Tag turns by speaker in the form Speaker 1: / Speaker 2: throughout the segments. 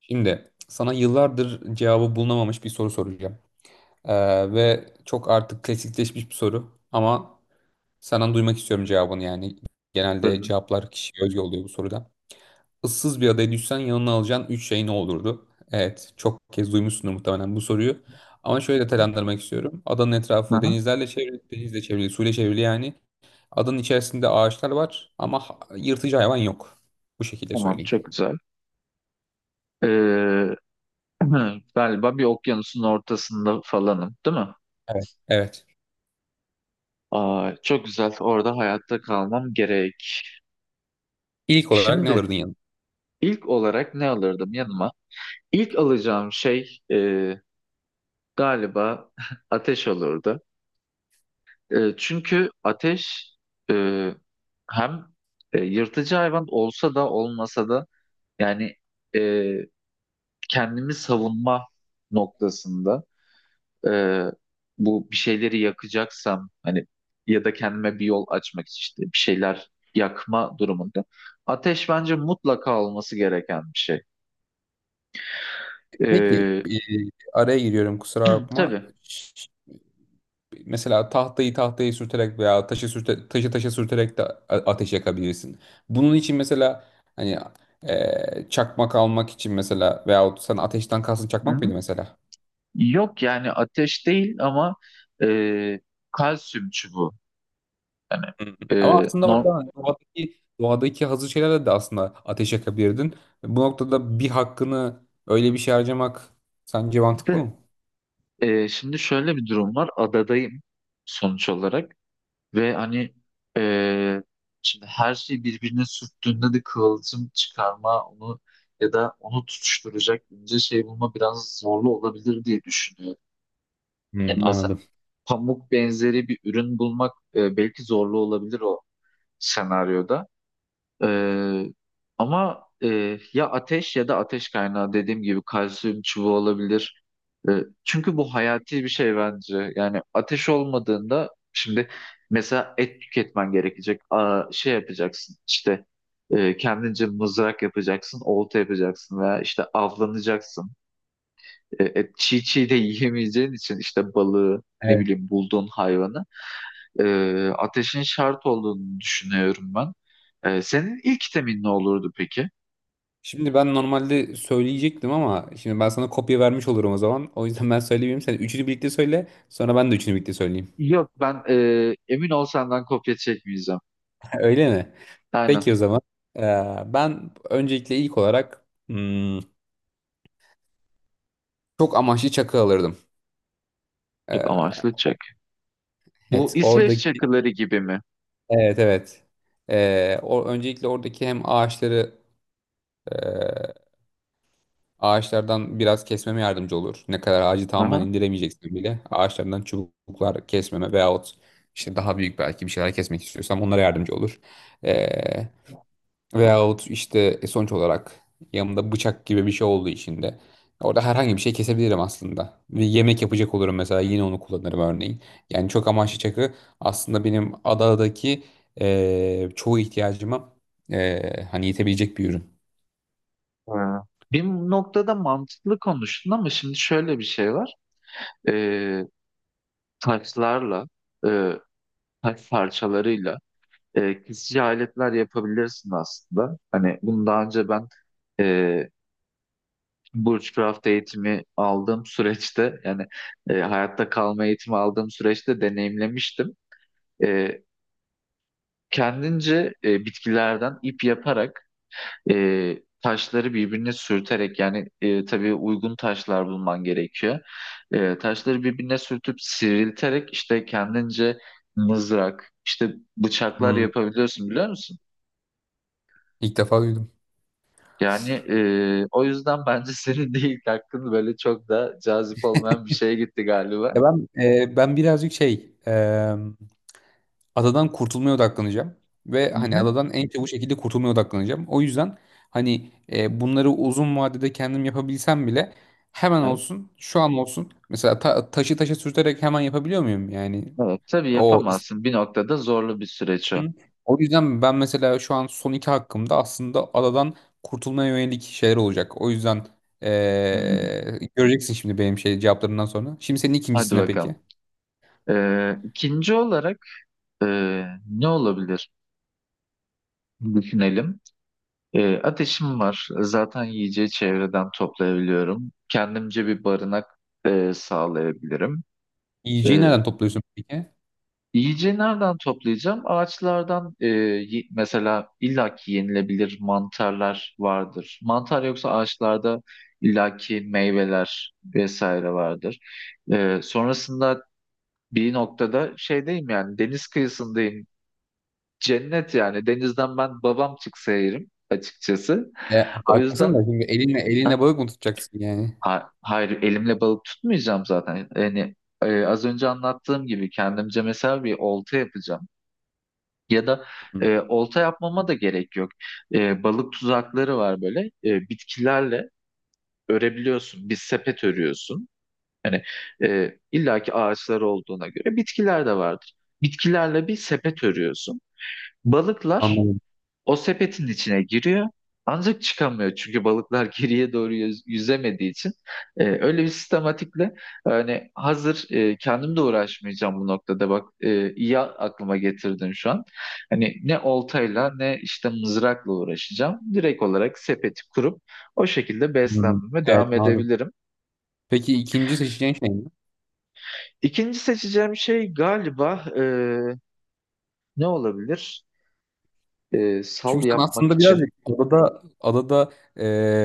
Speaker 1: Şimdi sana yıllardır cevabı bulunamamış bir soru soracağım. Ve çok artık klasikleşmiş bir soru ama senden duymak istiyorum cevabını yani. Genelde
Speaker 2: Bölüm.
Speaker 1: cevaplar kişiye özgü oluyor bu soruda. Issız bir adaya düşsen yanına alacağın 3 şey ne olurdu? Evet, çok kez duymuşsundur muhtemelen bu soruyu. Ama şöyle detaylandırmak istiyorum. Adanın
Speaker 2: Hı
Speaker 1: etrafı
Speaker 2: hı.
Speaker 1: denizlerle çevrili, denizle çevrili, suyla çevrili yani. Adanın içerisinde ağaçlar var ama yırtıcı hayvan yok. Bu şekilde
Speaker 2: Tamam,
Speaker 1: söyleyeyim.
Speaker 2: çok güzel. Ee, galiba bir okyanusun ortasında falanım, değil mi?
Speaker 1: Evet. Evet.
Speaker 2: Aa, çok güzel, orada hayatta kalmam gerek.
Speaker 1: İlk olarak ne
Speaker 2: Şimdi
Speaker 1: alırdın yanına?
Speaker 2: ilk olarak ne alırdım yanıma? İlk alacağım şey galiba ateş olurdu. Çünkü ateş e, hem yırtıcı hayvan olsa da olmasa da yani e, kendimi savunma noktasında. e, Bu, bir şeyleri yakacaksam hani ya da kendime bir yol açmak için işte bir şeyler yakma durumunda ateş bence mutlaka olması gereken bir şey.
Speaker 1: Peki,
Speaker 2: E,
Speaker 1: araya giriyorum, kusura bakma.
Speaker 2: tabii.
Speaker 1: Mesela tahtayı sürterek veya taşı taşa sürterek de ateş yakabilirsin. Bunun için mesela hani çakmak almak için mesela, veyahut sen ateşten kalsın,
Speaker 2: Hı?
Speaker 1: çakmak
Speaker 2: hı.
Speaker 1: mıydı mesela?
Speaker 2: Yok, yani ateş değil ama e, kalsiyum çubuğu. Hani
Speaker 1: Hı hı.
Speaker 2: e,
Speaker 1: Ama aslında
Speaker 2: normalde
Speaker 1: orada hani doğadaki hazır şeylerle de aslında ateş yakabilirdin. Bu noktada bir hakkını öyle bir şey harcamak sence mantıklı mı?
Speaker 2: şimdi şöyle bir durum var. Adadayım sonuç olarak. Ve hani eee, şimdi her şey birbirine sürttüğünde de kıvılcım çıkarma onu ya da onu tutuşturacak ince şey bulma biraz zorlu olabilir diye düşünüyorum.
Speaker 1: Hı,
Speaker 2: Yani mesela
Speaker 1: anladım.
Speaker 2: pamuk benzeri bir ürün bulmak belki zorlu olabilir o senaryoda. Ee, Ama ya ateş ya da ateş kaynağı dediğim gibi kalsiyum çubuğu olabilir. Ee, Çünkü bu hayati bir şey bence. Yani ateş olmadığında şimdi mesela et tüketmen gerekecek. Aa, şey yapacaksın, işte kendince mızrak yapacaksın, olta yapacaksın veya işte avlanacaksın. Et çiğ çiğ de yiyemeyeceğin için işte balığı, ne bileyim, bulduğun hayvanı e, ateşin şart olduğunu düşünüyorum ben. Senin ilk temin ne olurdu peki?
Speaker 1: Şimdi ben normalde söyleyecektim ama şimdi ben sana kopya vermiş olurum o zaman. O yüzden ben söyleyeyim. Sen üçünü birlikte söyle. Sonra ben de üçünü birlikte söyleyeyim.
Speaker 2: Yok, ben emin ol, senden kopya çekmeyeceğim.
Speaker 1: Öyle mi?
Speaker 2: Aynen.
Speaker 1: Peki o zaman. Ee, Ben öncelikle ilk olarak çok amaçlı çakı alırdım. Ee,
Speaker 2: Çek amaçlı çek.
Speaker 1: o-
Speaker 2: Bu
Speaker 1: evet
Speaker 2: İsveç
Speaker 1: oradaki,
Speaker 2: çakıları gibi mi?
Speaker 1: evet evet. Öncelikle oradaki hem ağaçları ee, Ağaçlardan biraz kesmeme yardımcı olur. Ne kadar ağacı
Speaker 2: Hı
Speaker 1: tamamen
Speaker 2: hı.
Speaker 1: indiremeyeceksin bile ağaçlardan çubuklar kesmeme veyahut işte daha büyük belki bir şeyler kesmek istiyorsam onlara yardımcı olur. Ee, veyahut işte, sonuç olarak yanımda bıçak gibi bir şey olduğu için de orada herhangi bir şey kesebilirim aslında. Ve yemek yapacak olurum mesela, yine onu kullanırım örneğin. Yani çok amaçlı çakı aslında benim adadaki çoğu ihtiyacıma hani yetebilecek bir ürün.
Speaker 2: Ha. Bir noktada mantıklı konuştun ama şimdi şöyle bir şey var. E, Taşlarla, e, taş parçalarıyla kesici aletler yapabilirsin aslında. Hani bunu daha önce ben e, Bushcraft eğitimi aldığım süreçte, yani hayatta kalma eğitimi aldığım süreçte deneyimlemiştim. E, Kendince bitkilerden ip yaparak taşları birbirine sürterek, yani tabii uygun taşlar bulman gerekiyor. Taşları birbirine sürtüp sivrilterek işte kendince mızrak, işte bıçaklar
Speaker 1: Hmm.
Speaker 2: yapabiliyorsun, biliyor musun?
Speaker 1: İlk defa duydum.
Speaker 2: Yani o yüzden bence senin de ilk hakkın böyle çok da cazip olmayan bir şeye gitti galiba.
Speaker 1: Ya ben birazcık şey, adadan kurtulmaya odaklanacağım ve
Speaker 2: Hı
Speaker 1: hani
Speaker 2: hı.
Speaker 1: adadan en çabuk şekilde kurtulmaya odaklanacağım. O yüzden hani, bunları uzun vadede kendim yapabilsem bile hemen
Speaker 2: Evet,
Speaker 1: olsun, şu an olsun. Mesela taşı taşa sürterek hemen yapabiliyor muyum? Yani
Speaker 2: evet. Tabii
Speaker 1: o
Speaker 2: yapamazsın. Bir noktada zorlu bir süreç o.
Speaker 1: istediğim- o yüzden ben mesela şu an son iki hakkımda aslında adadan kurtulmaya yönelik şeyler olacak. O yüzden
Speaker 2: Hmm,
Speaker 1: göreceksin şimdi benim şey cevaplarından sonra. Şimdi senin
Speaker 2: hadi
Speaker 1: ikincisine peki.
Speaker 2: bakalım. İkinci olarak e, ne olabilir? Düşünelim. Ateşim var. Zaten yiyeceği çevreden toplayabiliyorum. Kendimce bir barınak sağlayabilirim.
Speaker 1: Yiyeceği
Speaker 2: Ee,
Speaker 1: nereden topluyorsun peki?
Speaker 2: Yiyeceği nereden toplayacağım? Ağaçlardan mesela illaki yenilebilir mantarlar vardır. Mantar yoksa ağaçlarda illaki meyveler vesaire vardır. Sonrasında bir noktada şeydeyim, yani deniz kıyısındayım. Cennet yani, denizden ben babam çıksa yerim açıkçası.
Speaker 1: E,
Speaker 2: O
Speaker 1: haklısın da
Speaker 2: yüzden
Speaker 1: şimdi elinle
Speaker 2: hah,
Speaker 1: elinle balık mı tutacaksın yani?
Speaker 2: hayır, elimle balık tutmayacağım zaten. Yani az önce anlattığım gibi kendimce mesela bir olta yapacağım. Ya da
Speaker 1: Hı.
Speaker 2: olta yapmama da gerek yok. Balık tuzakları var böyle. Bitkilerle örebiliyorsun. Bir sepet örüyorsun. Hani illaki ağaçlar olduğuna göre bitkiler de vardır. Bitkilerle bir sepet örüyorsun. Balıklar
Speaker 1: Anladım.
Speaker 2: o sepetin içine giriyor, ancak çıkamıyor. Çünkü balıklar geriye doğru yüzemediği için. Öyle bir sistematikle, hani hazır, kendim de uğraşmayacağım bu noktada, bak, iyi aklıma getirdin şu an. Hani ne oltayla ne işte mızrakla uğraşacağım. Direkt olarak sepeti kurup o şekilde
Speaker 1: Hmm.
Speaker 2: beslenmeme
Speaker 1: Evet,
Speaker 2: devam
Speaker 1: anladım.
Speaker 2: edebilirim.
Speaker 1: Peki ikinci seçeceğin şey ne?
Speaker 2: İkinci seçeceğim şey galiba ne olabilir? Sal
Speaker 1: Çünkü sen
Speaker 2: yapmak
Speaker 1: aslında
Speaker 2: için.
Speaker 1: birazcık adada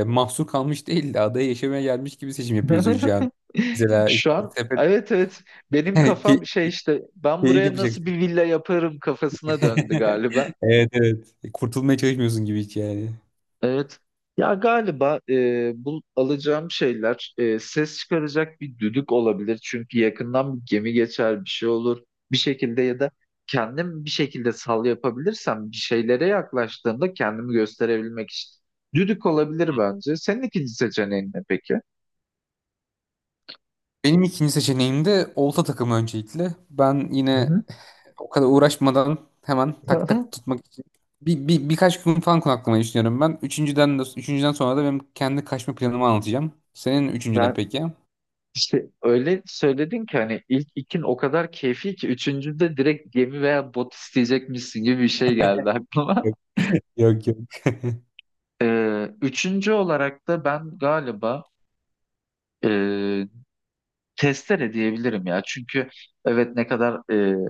Speaker 1: mahsur kalmış değil de adaya yaşamaya gelmiş gibi seçim yapıyorsun şu an. Mesela işte
Speaker 2: Şu an
Speaker 1: sepet,
Speaker 2: evet, evet, benim
Speaker 1: key-
Speaker 2: kafam şey işte, ben
Speaker 1: keyif
Speaker 2: buraya nasıl
Speaker 1: yapacaksın.
Speaker 2: bir villa yaparım kafasına döndü galiba.
Speaker 1: Evet, evet. Kurtulmaya çalışmıyorsun gibi hiç yani.
Speaker 2: Evet. Ya galiba bu alacağım şeyler, ses çıkaracak bir düdük olabilir. Çünkü yakından bir gemi geçer, bir şey olur. Bir şekilde ya da kendim bir şekilde sal yapabilirsem bir şeylere yaklaştığımda kendimi gösterebilmek için. Düdük olabilir bence. Senin ikinci seçeneğin ne peki?
Speaker 1: Benim ikinci seçeneğim de olta takımı öncelikle. Ben
Speaker 2: Hı
Speaker 1: yine
Speaker 2: hı.
Speaker 1: o kadar uğraşmadan hemen tak tak tutmak için birkaç gün falan konaklamayı düşünüyorum ben. Üçüncüden sonra da benim kendi kaçma planumu anlatacağım. Senin üçüncü ne
Speaker 2: Yani
Speaker 1: peki?
Speaker 2: İşte öyle söyledin ki, hani ilk ikin o kadar keyfi ki üçüncüde direkt gemi veya bot isteyecekmişsin gibi bir şey geldi aklıma.
Speaker 1: Yok, yok, yok.
Speaker 2: Üçüncü olarak da ben galiba e, testere diyebilirim ya. Çünkü evet, ne kadar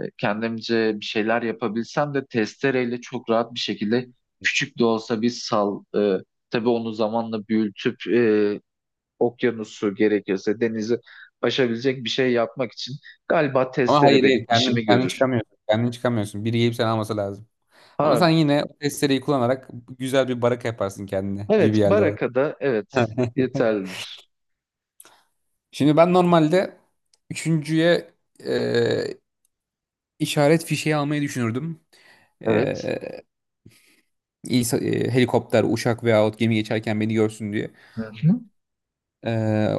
Speaker 2: kendimce bir şeyler yapabilsem de testereyle çok rahat bir şekilde küçük de olsa bir sal. Tabii onu zamanla büyütüp okyanusu, gerekirse denizi aşabilecek bir şey yapmak için galiba
Speaker 1: Ama
Speaker 2: testere
Speaker 1: hayır,
Speaker 2: benim
Speaker 1: hayır, kendin,
Speaker 2: işimi
Speaker 1: kendin
Speaker 2: görür.
Speaker 1: çıkamıyorsun. Kendin çıkamıyorsun. Biri gelip seni alması lazım. Ama
Speaker 2: Ha,
Speaker 1: sen yine o testereyi kullanarak güzel bir baraka yaparsın kendine gibi
Speaker 2: evet,
Speaker 1: geldi bana.
Speaker 2: Baraka'da evet, yeterlidir.
Speaker 1: Şimdi ben normalde üçüncüye İşaret fişeği almayı düşünürdüm.
Speaker 2: Evet.
Speaker 1: Ee, Helikopter, uçak veyahut gemi geçerken beni görsün diye.
Speaker 2: Hı hı.
Speaker 1: Ee,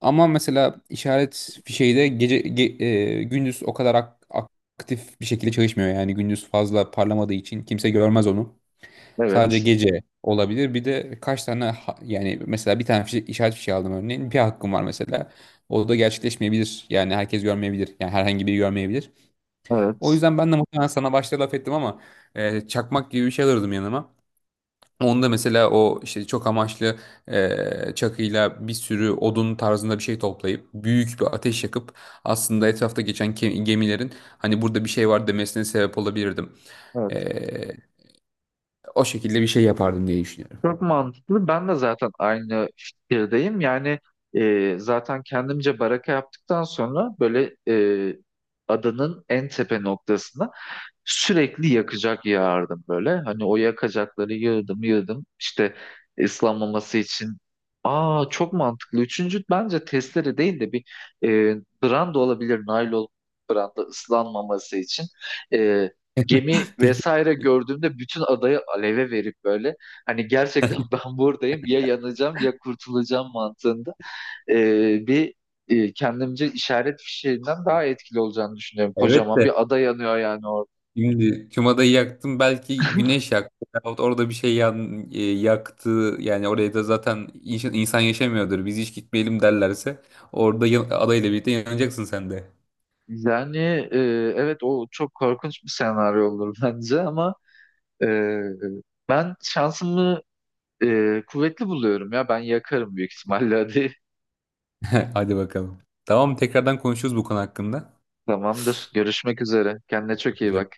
Speaker 1: Ama mesela işaret fişeği de gündüz o kadar aktif bir şekilde çalışmıyor. Yani gündüz fazla parlamadığı için kimse görmez onu. Sadece
Speaker 2: Evet.
Speaker 1: gece olabilir. Bir de kaç tane yani mesela bir tane işaret fişeği aldım örneğin. Bir hakkım var mesela. O da gerçekleşmeyebilir. Yani herkes görmeyebilir. Yani herhangi biri görmeyebilir. O
Speaker 2: Evet.
Speaker 1: yüzden ben de muhtemelen sana başta laf ettim ama çakmak gibi bir şey alırdım yanıma. Onda mesela o işte çok amaçlı çakıyla bir sürü odun tarzında bir şey toplayıp büyük bir ateş yakıp aslında etrafta geçen gemilerin hani burada bir şey var demesine sebep olabilirdim.
Speaker 2: Evet.
Speaker 1: E, o şekilde bir şey yapardım diye düşünüyorum.
Speaker 2: Çok mantıklı. Ben de zaten aynı fikirdeyim. Yani zaten kendimce baraka yaptıktan sonra böyle e, adanın en tepe noktasına sürekli yakacak yağardım böyle. Hani o yakacakları yığdım yığdım. İşte ıslanmaması için. Aa, çok mantıklı. Üçüncü bence testere değil de bir e, branda olabilir. Naylon branda, ıslanmaması için. E, Gemi
Speaker 1: Peki.
Speaker 2: vesaire gördüğümde bütün adayı aleve verip böyle hani gerçekten ben buradayım, ya yanacağım ya kurtulacağım mantığında e, bir kendimce işaret fişeğinden daha etkili olacağını düşünüyorum.
Speaker 1: Evet
Speaker 2: Kocaman
Speaker 1: de,
Speaker 2: bir ada yanıyor yani.
Speaker 1: şimdi Cuma'da yaktım, belki güneş yaktı. Yahut orada bir şey yaktı. Yani oraya da zaten insan yaşamıyordur. Biz hiç gitmeyelim derlerse orada adayla birlikte yanacaksın sen de.
Speaker 2: Yani e, evet, o çok korkunç bir senaryo olur bence, ama e, ben şansımı kuvvetli buluyorum ya, ben yakarım büyük ihtimalle. Hadi,
Speaker 1: Hadi bakalım. Tamam, tekrardan konuşuruz bu konu hakkında.
Speaker 2: tamamdır, görüşmek üzere, kendine çok iyi
Speaker 1: Güzel.
Speaker 2: bak.